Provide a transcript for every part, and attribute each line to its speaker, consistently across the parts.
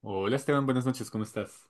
Speaker 1: Hola Esteban, buenas noches, ¿cómo estás?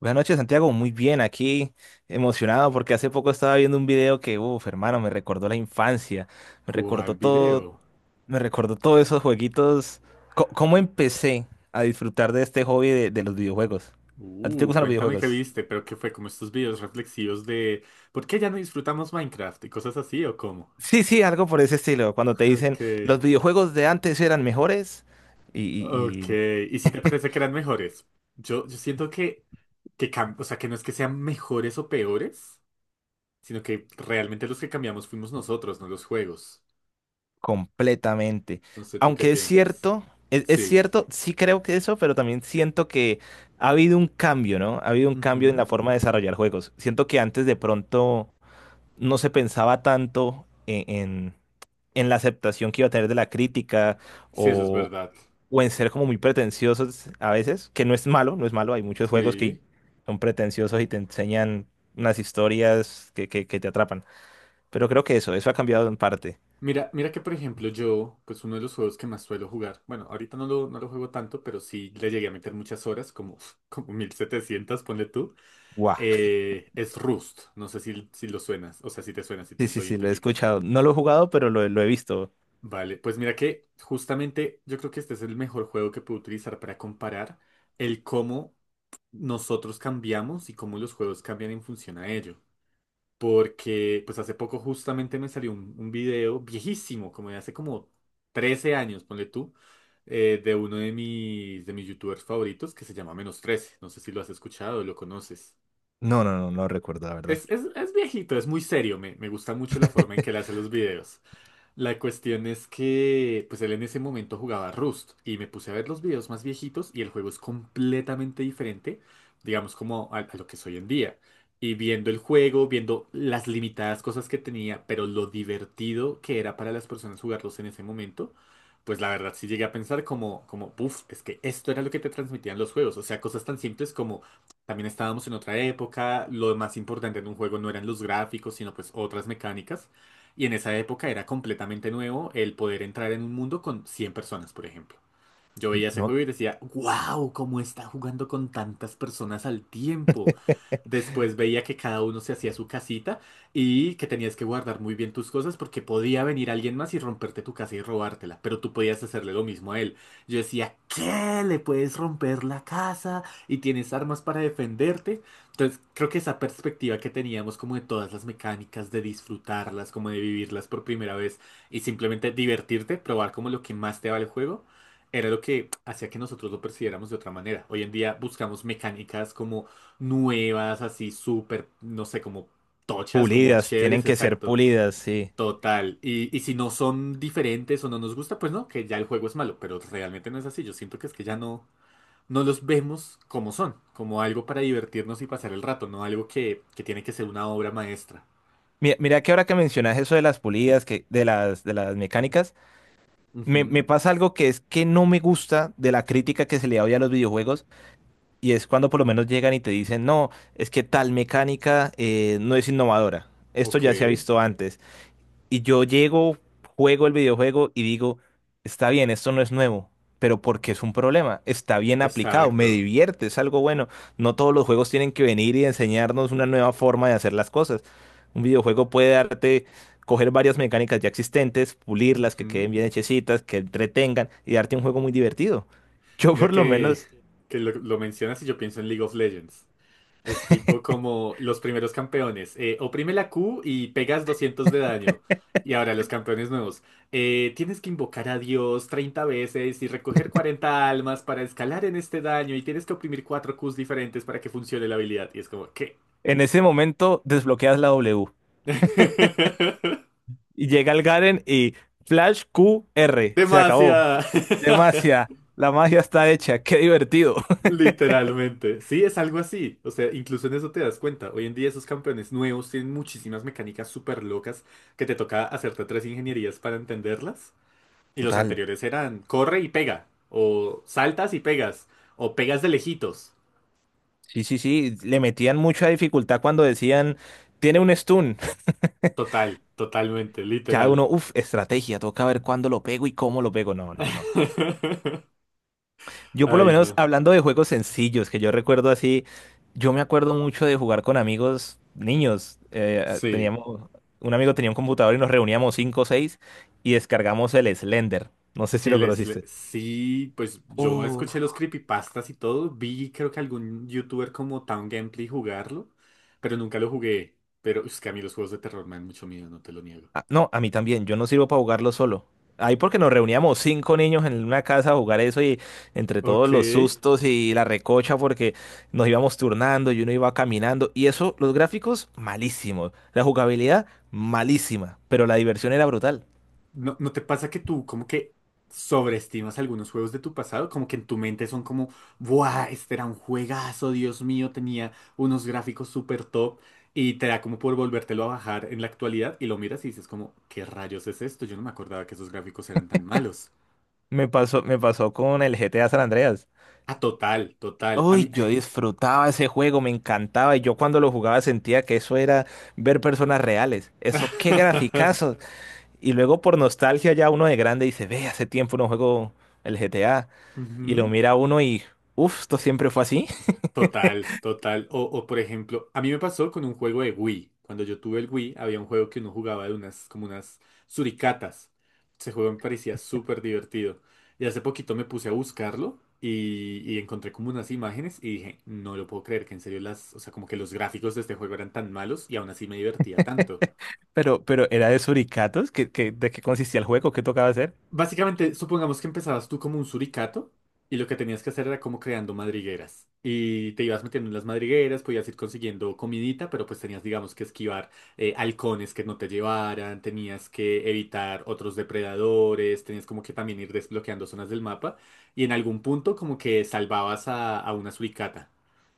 Speaker 2: Buenas noches, Santiago. Muy bien, aquí emocionado porque hace poco estaba viendo un video que, uff, hermano, me recordó la infancia, me
Speaker 1: ¿Cuál
Speaker 2: recordó todo,
Speaker 1: video?
Speaker 2: me recordó todos esos jueguitos. ¿Cómo empecé a disfrutar de este hobby de los videojuegos? ¿A ti te gustan los
Speaker 1: Cuéntame qué
Speaker 2: videojuegos?
Speaker 1: viste, pero qué fue como estos videos reflexivos de ¿por qué ya no disfrutamos Minecraft y cosas así o cómo?
Speaker 2: Sí, sí, algo por ese estilo. Cuando te dicen
Speaker 1: Ok,
Speaker 2: los videojuegos de antes eran mejores y
Speaker 1: ok.
Speaker 2: y
Speaker 1: ¿Y si te parece que eran mejores? Yo siento que, que no es que sean mejores o peores, sino que realmente los que cambiamos fuimos nosotros, no los juegos.
Speaker 2: completamente.
Speaker 1: No sé, ¿tú qué
Speaker 2: Aunque es
Speaker 1: piensas?
Speaker 2: cierto, es
Speaker 1: Sí.
Speaker 2: cierto, sí creo que eso, pero también siento que ha habido un cambio, ¿no? Ha habido un cambio en la
Speaker 1: Ujú.
Speaker 2: forma de desarrollar juegos. Siento que antes de pronto no se pensaba tanto en en la aceptación que iba a tener de la crítica
Speaker 1: Sí, eso es
Speaker 2: o,
Speaker 1: verdad.
Speaker 2: o en ser como muy pretenciosos a veces, que no es malo, no es malo. Hay muchos juegos que
Speaker 1: Sí.
Speaker 2: son pretenciosos y te enseñan unas historias que, que te atrapan. Pero creo que eso ha cambiado en parte.
Speaker 1: Mira, mira que por ejemplo yo, pues uno de los juegos que más suelo jugar, bueno, ahorita no lo juego tanto, pero sí le llegué a meter muchas horas, como, como 1700, ponle tú,
Speaker 2: ¡Guau!
Speaker 1: es Rust, no sé si lo suenas, o sea, si te suena, si
Speaker 2: Sí,
Speaker 1: te
Speaker 2: sí,
Speaker 1: lo
Speaker 2: sí, lo he
Speaker 1: identificas.
Speaker 2: escuchado. No lo he jugado, pero lo he visto.
Speaker 1: Vale, pues mira que justamente yo creo que este es el mejor juego que puedo utilizar para comparar el cómo nosotros cambiamos y cómo los juegos cambian en función a ello porque pues hace poco justamente me salió un video viejísimo, como de hace como 13 años, ponle tú, de uno de de mis youtubers favoritos que se llama Menos trece. No sé si lo has escuchado o lo conoces.
Speaker 2: No, no, no, no recuerdo, la verdad.
Speaker 1: Es viejito, es muy serio, me gusta mucho la forma en que él hace los videos. La cuestión es que, pues él en ese momento jugaba Rust y me puse a ver los videos más viejitos y el juego es completamente diferente, digamos, como a lo que es hoy en día. Y viendo el juego, viendo las limitadas cosas que tenía, pero lo divertido que era para las personas jugarlos en ese momento, pues la verdad sí llegué a pensar puff es que esto era lo que te transmitían los juegos. O sea, cosas tan simples como también estábamos en otra época, lo más importante en un juego no eran los gráficos, sino pues otras mecánicas. Y en esa época era completamente nuevo el poder entrar en un mundo con 100 personas, por ejemplo. Yo veía ese
Speaker 2: No.
Speaker 1: juego y decía, wow, cómo está jugando con tantas personas al tiempo. Después veía que cada uno se hacía su casita y que tenías que guardar muy bien tus cosas porque podía venir alguien más y romperte tu casa y robártela, pero tú podías hacerle lo mismo a él. Yo decía, ¿qué? ¿Le puedes romper la casa y tienes armas para defenderte? Entonces, creo que esa perspectiva que teníamos como de todas las mecánicas, de disfrutarlas, como de vivirlas por primera vez y simplemente divertirte, probar como lo que más te va el juego era lo que hacía que nosotros lo percibiéramos de otra manera. Hoy en día buscamos mecánicas como nuevas, así súper, no sé, como tochas, como
Speaker 2: Pulidas, tienen
Speaker 1: chéveres,
Speaker 2: que ser
Speaker 1: exacto.
Speaker 2: pulidas, sí.
Speaker 1: Total. Y si no son diferentes o no nos gusta, pues no, que ya el juego es malo, pero realmente no es así. Yo siento que es que ya no, no los vemos como son, como algo para divertirnos y pasar el rato, no algo que tiene que ser una obra maestra.
Speaker 2: Mira, mira que ahora que mencionas eso de las pulidas, que, de las mecánicas, me
Speaker 1: Ujú,
Speaker 2: pasa algo que es que no me gusta de la crítica que se le da hoy a los videojuegos, y es cuando por lo menos llegan y te dicen, no, es que tal mecánica no es innovadora. Esto
Speaker 1: Ok,
Speaker 2: ya se ha visto antes. Y yo llego, juego el videojuego y digo, está bien, esto no es nuevo, pero porque es un problema, está bien aplicado, me
Speaker 1: exacto.
Speaker 2: divierte, es algo bueno. No todos los juegos tienen que venir y enseñarnos una nueva forma de hacer las cosas. Un videojuego puede darte, coger varias mecánicas ya existentes, pulirlas, que queden
Speaker 1: Ujú.
Speaker 2: bien hechecitas, que entretengan y darte un juego muy divertido. Yo
Speaker 1: Mira
Speaker 2: por lo
Speaker 1: que,
Speaker 2: menos
Speaker 1: lo mencionas y yo pienso en League of Legends. Es tipo como los primeros campeones. Oprime la Q y pegas 200 de daño. Y ahora los campeones nuevos. Tienes que invocar a Dios 30 veces y recoger 40 almas para escalar en este daño y tienes que oprimir 4 Qs diferentes para que funcione la habilidad. Y es como, ¿qué?
Speaker 2: en ese momento desbloqueas la W y llega el Garen y Flash Q R se acabó.
Speaker 1: Demasiada.
Speaker 2: Demacia, la magia está hecha, qué divertido.
Speaker 1: Literalmente. Sí, es algo así. O sea, incluso en eso te das cuenta. Hoy en día esos campeones nuevos tienen muchísimas mecánicas súper locas que te toca hacerte tres ingenierías para entenderlas. Y los
Speaker 2: Total.
Speaker 1: anteriores eran corre y pega, o saltas y pegas, o pegas de lejitos.
Speaker 2: Sí, sí, sí, le metían mucha dificultad cuando decían, tiene un stun.
Speaker 1: Total, totalmente,
Speaker 2: Ya
Speaker 1: literal.
Speaker 2: uno, uff, estrategia, toca ver cuándo lo pego y cómo lo pego. No, no, no. Yo por lo
Speaker 1: Ay,
Speaker 2: menos
Speaker 1: no.
Speaker 2: hablando de juegos sencillos, que yo recuerdo así, yo me acuerdo mucho de jugar con amigos niños.
Speaker 1: Sí.
Speaker 2: Teníamos, un amigo tenía un computador y nos reuníamos cinco o seis y descargamos el Slender. No sé si lo conociste.
Speaker 1: Sí, pues yo escuché los creepypastas y todo. Vi, creo que algún youtuber como Town Gameplay jugarlo, pero nunca lo jugué. Pero es que a mí los juegos de terror me dan mucho miedo, no te lo niego.
Speaker 2: Ah, no, a mí también, yo no sirvo para jugarlo solo. Ahí porque nos reuníamos cinco niños en una casa a jugar eso y entre todos
Speaker 1: Ok.
Speaker 2: los sustos y la recocha porque nos íbamos turnando y uno iba caminando y eso, los gráficos malísimos, la jugabilidad malísima, pero la diversión era brutal.
Speaker 1: ¿No, no te pasa que tú como que sobreestimas algunos juegos de tu pasado? Como que en tu mente son como, ¡buah! Este era un juegazo, Dios mío, tenía unos gráficos súper top y te da como por volvértelo a bajar en la actualidad y lo miras y dices como, ¿qué rayos es esto? Yo no me acordaba que esos gráficos eran tan malos.
Speaker 2: Me pasó con el GTA San Andreas.
Speaker 1: Ah, total, total. A
Speaker 2: Uy,
Speaker 1: mí...
Speaker 2: yo disfrutaba ese juego, me encantaba y yo cuando lo jugaba sentía que eso era ver personas reales. Eso, qué graficazo. Y luego por nostalgia ya uno de grande dice, ve, hace tiempo no juego el GTA. Y lo
Speaker 1: Ujú.
Speaker 2: mira uno y, uff, esto siempre fue así.
Speaker 1: Total, total. O por ejemplo, a mí me pasó con un juego de Wii. Cuando yo tuve el Wii, había un juego que uno jugaba de unas, como unas suricatas. Ese juego me parecía súper divertido. Y hace poquito me puse a buscarlo y encontré como unas imágenes y dije, no lo puedo creer que en serio las, o sea, como que los gráficos de este juego eran tan malos y aún así me divertía tanto.
Speaker 2: Pero era de suricatos. ¿Qué, de qué consistía el juego? ¿Qué tocaba hacer?
Speaker 1: Básicamente, supongamos que empezabas tú como un suricato y lo que tenías que hacer era como creando madrigueras. Y te ibas metiendo en las madrigueras, podías ir consiguiendo comidita, pero pues tenías, digamos, que esquivar halcones que no te llevaran, tenías que evitar otros depredadores, tenías como que también ir desbloqueando zonas del mapa y en algún punto como que salvabas a una suricata.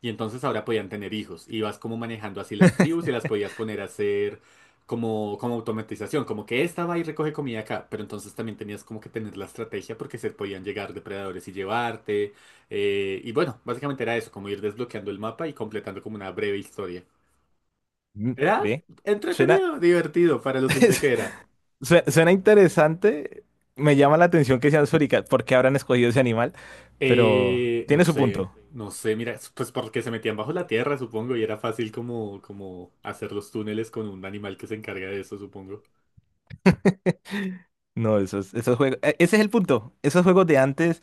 Speaker 1: Y entonces ahora podían tener hijos. Ibas como manejando así las tribus y las podías poner a hacer como, como automatización, como que esta va y recoge comida acá, pero entonces también tenías como que tener la estrategia porque se podían llegar depredadores y llevarte. Y bueno, básicamente era eso, como ir desbloqueando el mapa y completando como una breve historia.
Speaker 2: Mm,
Speaker 1: Era
Speaker 2: ve, suena,
Speaker 1: entretenido, divertido para lo simple que era.
Speaker 2: suena interesante. Me llama la atención que sean suricatos. ¿Por qué habrán escogido ese animal? Pero
Speaker 1: No
Speaker 2: tiene su
Speaker 1: sé,
Speaker 2: punto.
Speaker 1: no sé, mira, pues porque se metían bajo la tierra, supongo, y era fácil como, como hacer los túneles con un animal que se encarga de eso, supongo.
Speaker 2: No, esos, esos juegos. Ese es el punto. Esos juegos de antes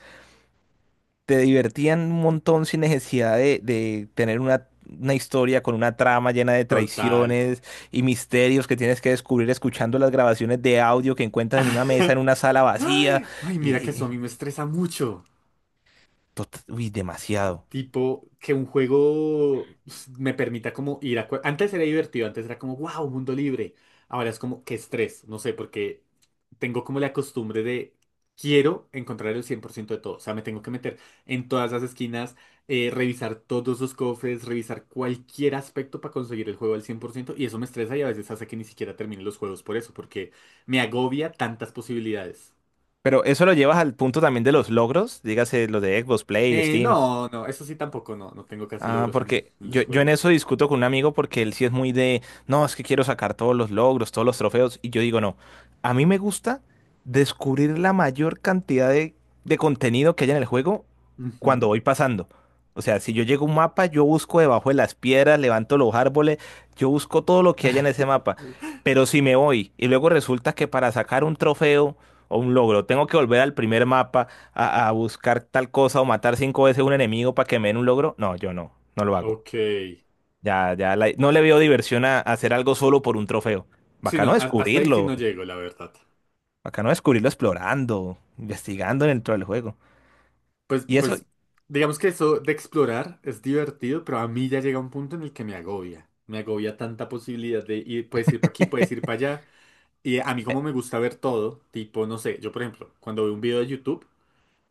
Speaker 2: te divertían un montón sin necesidad de tener una historia con una trama llena de
Speaker 1: Total.
Speaker 2: traiciones y misterios que tienes que descubrir escuchando las grabaciones de audio que encuentras en una mesa, en una sala vacía.
Speaker 1: Ay, ay,
Speaker 2: Y,
Speaker 1: mira que eso a
Speaker 2: y-
Speaker 1: mí me estresa mucho.
Speaker 2: uy, demasiado.
Speaker 1: Tipo, que un juego pues, me permita como ir a... Antes era divertido, antes era como, wow, mundo libre. Ahora es como, qué estrés, no sé, porque tengo como la costumbre de, quiero encontrar el 100% de todo. O sea, me tengo que meter en todas las esquinas, revisar todos los cofres, revisar cualquier aspecto para conseguir el juego al 100%. Y eso me estresa y a veces hace que ni siquiera termine los juegos por eso, porque me agobia tantas posibilidades.
Speaker 2: Pero eso lo llevas al punto también de los logros, dígase los de Xbox Play, Steam.
Speaker 1: No, no, eso sí tampoco, no, no tengo casi
Speaker 2: Ah,
Speaker 1: logros en
Speaker 2: porque
Speaker 1: en los
Speaker 2: yo en
Speaker 1: juegos.
Speaker 2: eso discuto con un amigo porque él sí es muy de, no, es que quiero sacar todos los logros, todos los trofeos. Y yo digo, no, a mí me gusta descubrir la mayor cantidad de contenido que haya en el juego cuando
Speaker 1: Ujú.
Speaker 2: voy pasando. O sea, si yo llego a un mapa, yo busco debajo de las piedras, levanto los árboles, yo busco todo lo que haya en ese mapa. Pero si me voy y luego resulta que para sacar un trofeo o un logro tengo que volver al primer mapa a buscar tal cosa o matar cinco veces un enemigo para que me den un logro, no, yo no, no lo hago.
Speaker 1: Ok.
Speaker 2: Ya, ya, no le veo diversión a hacer algo solo por un trofeo.
Speaker 1: Sí, no,
Speaker 2: Bacano
Speaker 1: hasta ahí sí no
Speaker 2: descubrirlo,
Speaker 1: llego, la verdad.
Speaker 2: bacano descubrirlo explorando, investigando dentro del juego.
Speaker 1: Pues,
Speaker 2: Y eso,
Speaker 1: pues, digamos que eso de explorar es divertido, pero a mí ya llega un punto en el que me agobia. Me agobia tanta posibilidad de ir, puedes ir para aquí, puedes ir para allá. Y a mí
Speaker 2: eh,
Speaker 1: como me gusta ver todo, tipo, no sé, yo por ejemplo, cuando veo un video de YouTube,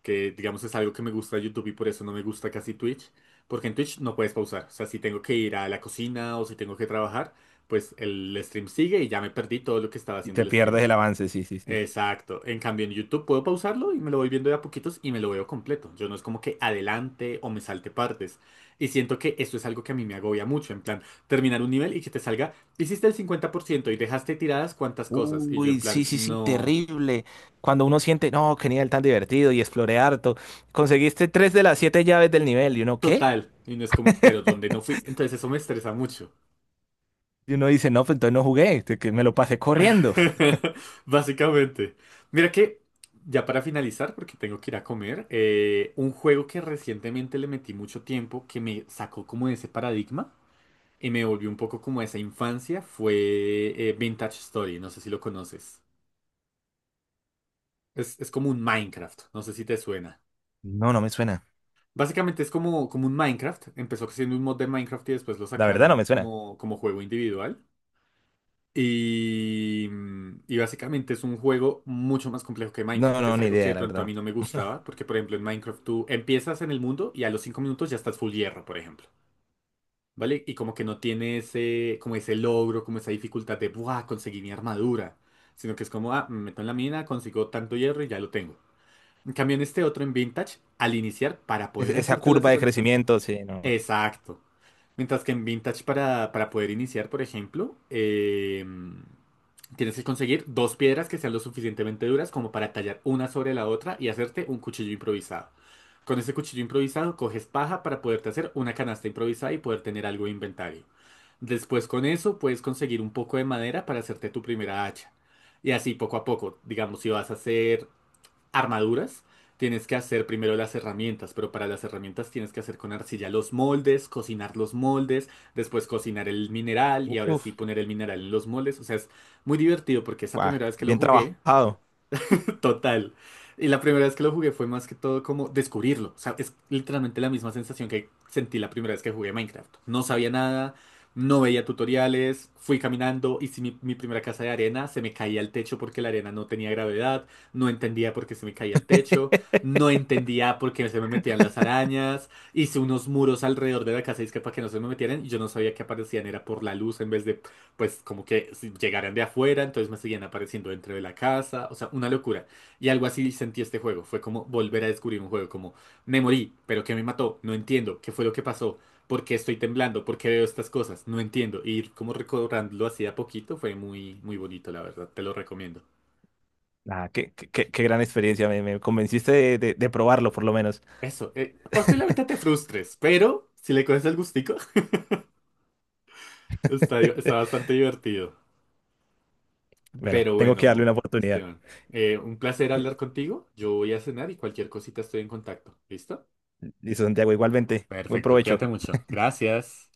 Speaker 1: que digamos es algo que me gusta de YouTube y por eso no me gusta casi Twitch, porque en Twitch no puedes pausar. O sea, si tengo que ir a la cocina o si tengo que trabajar, pues el stream sigue y ya me perdí todo lo que estaba
Speaker 2: y
Speaker 1: haciendo
Speaker 2: te
Speaker 1: el
Speaker 2: pierdes
Speaker 1: streamer.
Speaker 2: el avance, sí, sí, sí.
Speaker 1: Exacto. En cambio, en YouTube puedo pausarlo y me lo voy viendo de a poquitos y me lo veo completo. Yo no es como que adelante o me salte partes. Y siento que eso es algo que a mí me agobia mucho. En plan, terminar un nivel y que te salga, hiciste el 50% y dejaste tiradas cuantas cosas. Y yo en
Speaker 2: Uy,
Speaker 1: plan,
Speaker 2: sí, sí, sí,
Speaker 1: no,
Speaker 2: terrible. Cuando uno siente, no, qué nivel tan divertido y exploré harto. Conseguiste tres de las siete llaves del nivel. ¿Y uno qué?
Speaker 1: total. Y no es como, pero ¿dónde no fui? Entonces eso me estresa mucho.
Speaker 2: Y uno dice, no, pues entonces no jugué, que me lo pasé corriendo.
Speaker 1: Básicamente. Mira que, ya para finalizar, porque tengo que ir a comer, un juego que recientemente le metí mucho tiempo, que me sacó como de ese paradigma y me volvió un poco como a esa infancia fue Vintage Story, no sé si lo conoces. Es como un Minecraft, no sé si te suena.
Speaker 2: No, no me suena.
Speaker 1: Básicamente es como, como un Minecraft, empezó siendo un mod de Minecraft y después lo
Speaker 2: La verdad no
Speaker 1: sacaron
Speaker 2: me suena.
Speaker 1: como, como juego individual. Y, y básicamente es un juego mucho más complejo que Minecraft,
Speaker 2: No,
Speaker 1: que
Speaker 2: no,
Speaker 1: es
Speaker 2: ni
Speaker 1: algo que de
Speaker 2: idea, la
Speaker 1: pronto a
Speaker 2: verdad.
Speaker 1: mí no me gustaba, porque por ejemplo en Minecraft tú empiezas en el mundo y a los 5 minutos ya estás full hierro, por ejemplo. ¿Vale? Y como que no tiene ese, como ese logro, como esa dificultad de, ¡buah! Conseguí mi armadura, sino que es como, ah, me meto en la mina, consigo tanto hierro y ya lo tengo. En cambio, en este otro, en Vintage, al iniciar, para
Speaker 2: Es-
Speaker 1: poder
Speaker 2: esa
Speaker 1: hacerte las
Speaker 2: curva de
Speaker 1: herramientas.
Speaker 2: crecimiento, sí, no.
Speaker 1: Exacto. Mientras que en Vintage para poder iniciar, por ejemplo, tienes que conseguir dos piedras que sean lo suficientemente duras como para tallar una sobre la otra y hacerte un cuchillo improvisado. Con ese cuchillo improvisado coges paja para poderte hacer una canasta improvisada y poder tener algo de inventario. Después con eso puedes conseguir un poco de madera para hacerte tu primera hacha. Y así poco a poco, digamos, si vas a hacer armaduras, tienes que hacer primero las herramientas, pero para las herramientas tienes que hacer con arcilla los moldes, cocinar los moldes, después cocinar el mineral y ahora sí
Speaker 2: Uf,
Speaker 1: poner el mineral en los moldes. O sea, es muy divertido porque esa
Speaker 2: guau,
Speaker 1: primera vez que lo
Speaker 2: bien
Speaker 1: jugué,
Speaker 2: trabajado.
Speaker 1: total. Y la primera vez que lo jugué fue más que todo como descubrirlo. O sea, es literalmente la misma sensación que sentí la primera vez que jugué Minecraft. No sabía nada, no veía tutoriales, fui caminando, hice mi primera casa de arena, se me caía al techo porque la arena no tenía gravedad, no entendía por qué se me caía al techo, no entendía por qué se me metían las arañas, hice unos muros alrededor de la casa y es que para que no se me metieran, y yo no sabía que aparecían, era por la luz en vez de, pues, como que si llegaran de afuera, entonces me seguían apareciendo dentro de la casa, o sea, una locura. Y algo así sentí este juego. Fue como volver a descubrir un juego, como me morí, pero ¿qué me mató? No entiendo, ¿qué fue lo que pasó? ¿Por qué estoy temblando? ¿Por qué veo estas cosas? No entiendo. Y ir como recordándolo así de a poquito fue muy, muy bonito, la verdad. Te lo recomiendo.
Speaker 2: Ah, qué, qué, qué gran experiencia, me convenciste de, de probarlo por lo menos.
Speaker 1: Eso, posiblemente te frustres, pero si le coges el gustico, está, está bastante divertido.
Speaker 2: Bueno,
Speaker 1: Pero
Speaker 2: tengo que darle una
Speaker 1: bueno,
Speaker 2: oportunidad.
Speaker 1: Esteban, un placer hablar contigo. Yo voy a cenar y cualquier cosita estoy en contacto. ¿Listo?
Speaker 2: Listo, Santiago, igualmente. Buen
Speaker 1: Perfecto,
Speaker 2: provecho.
Speaker 1: cuídate mucho. Gracias.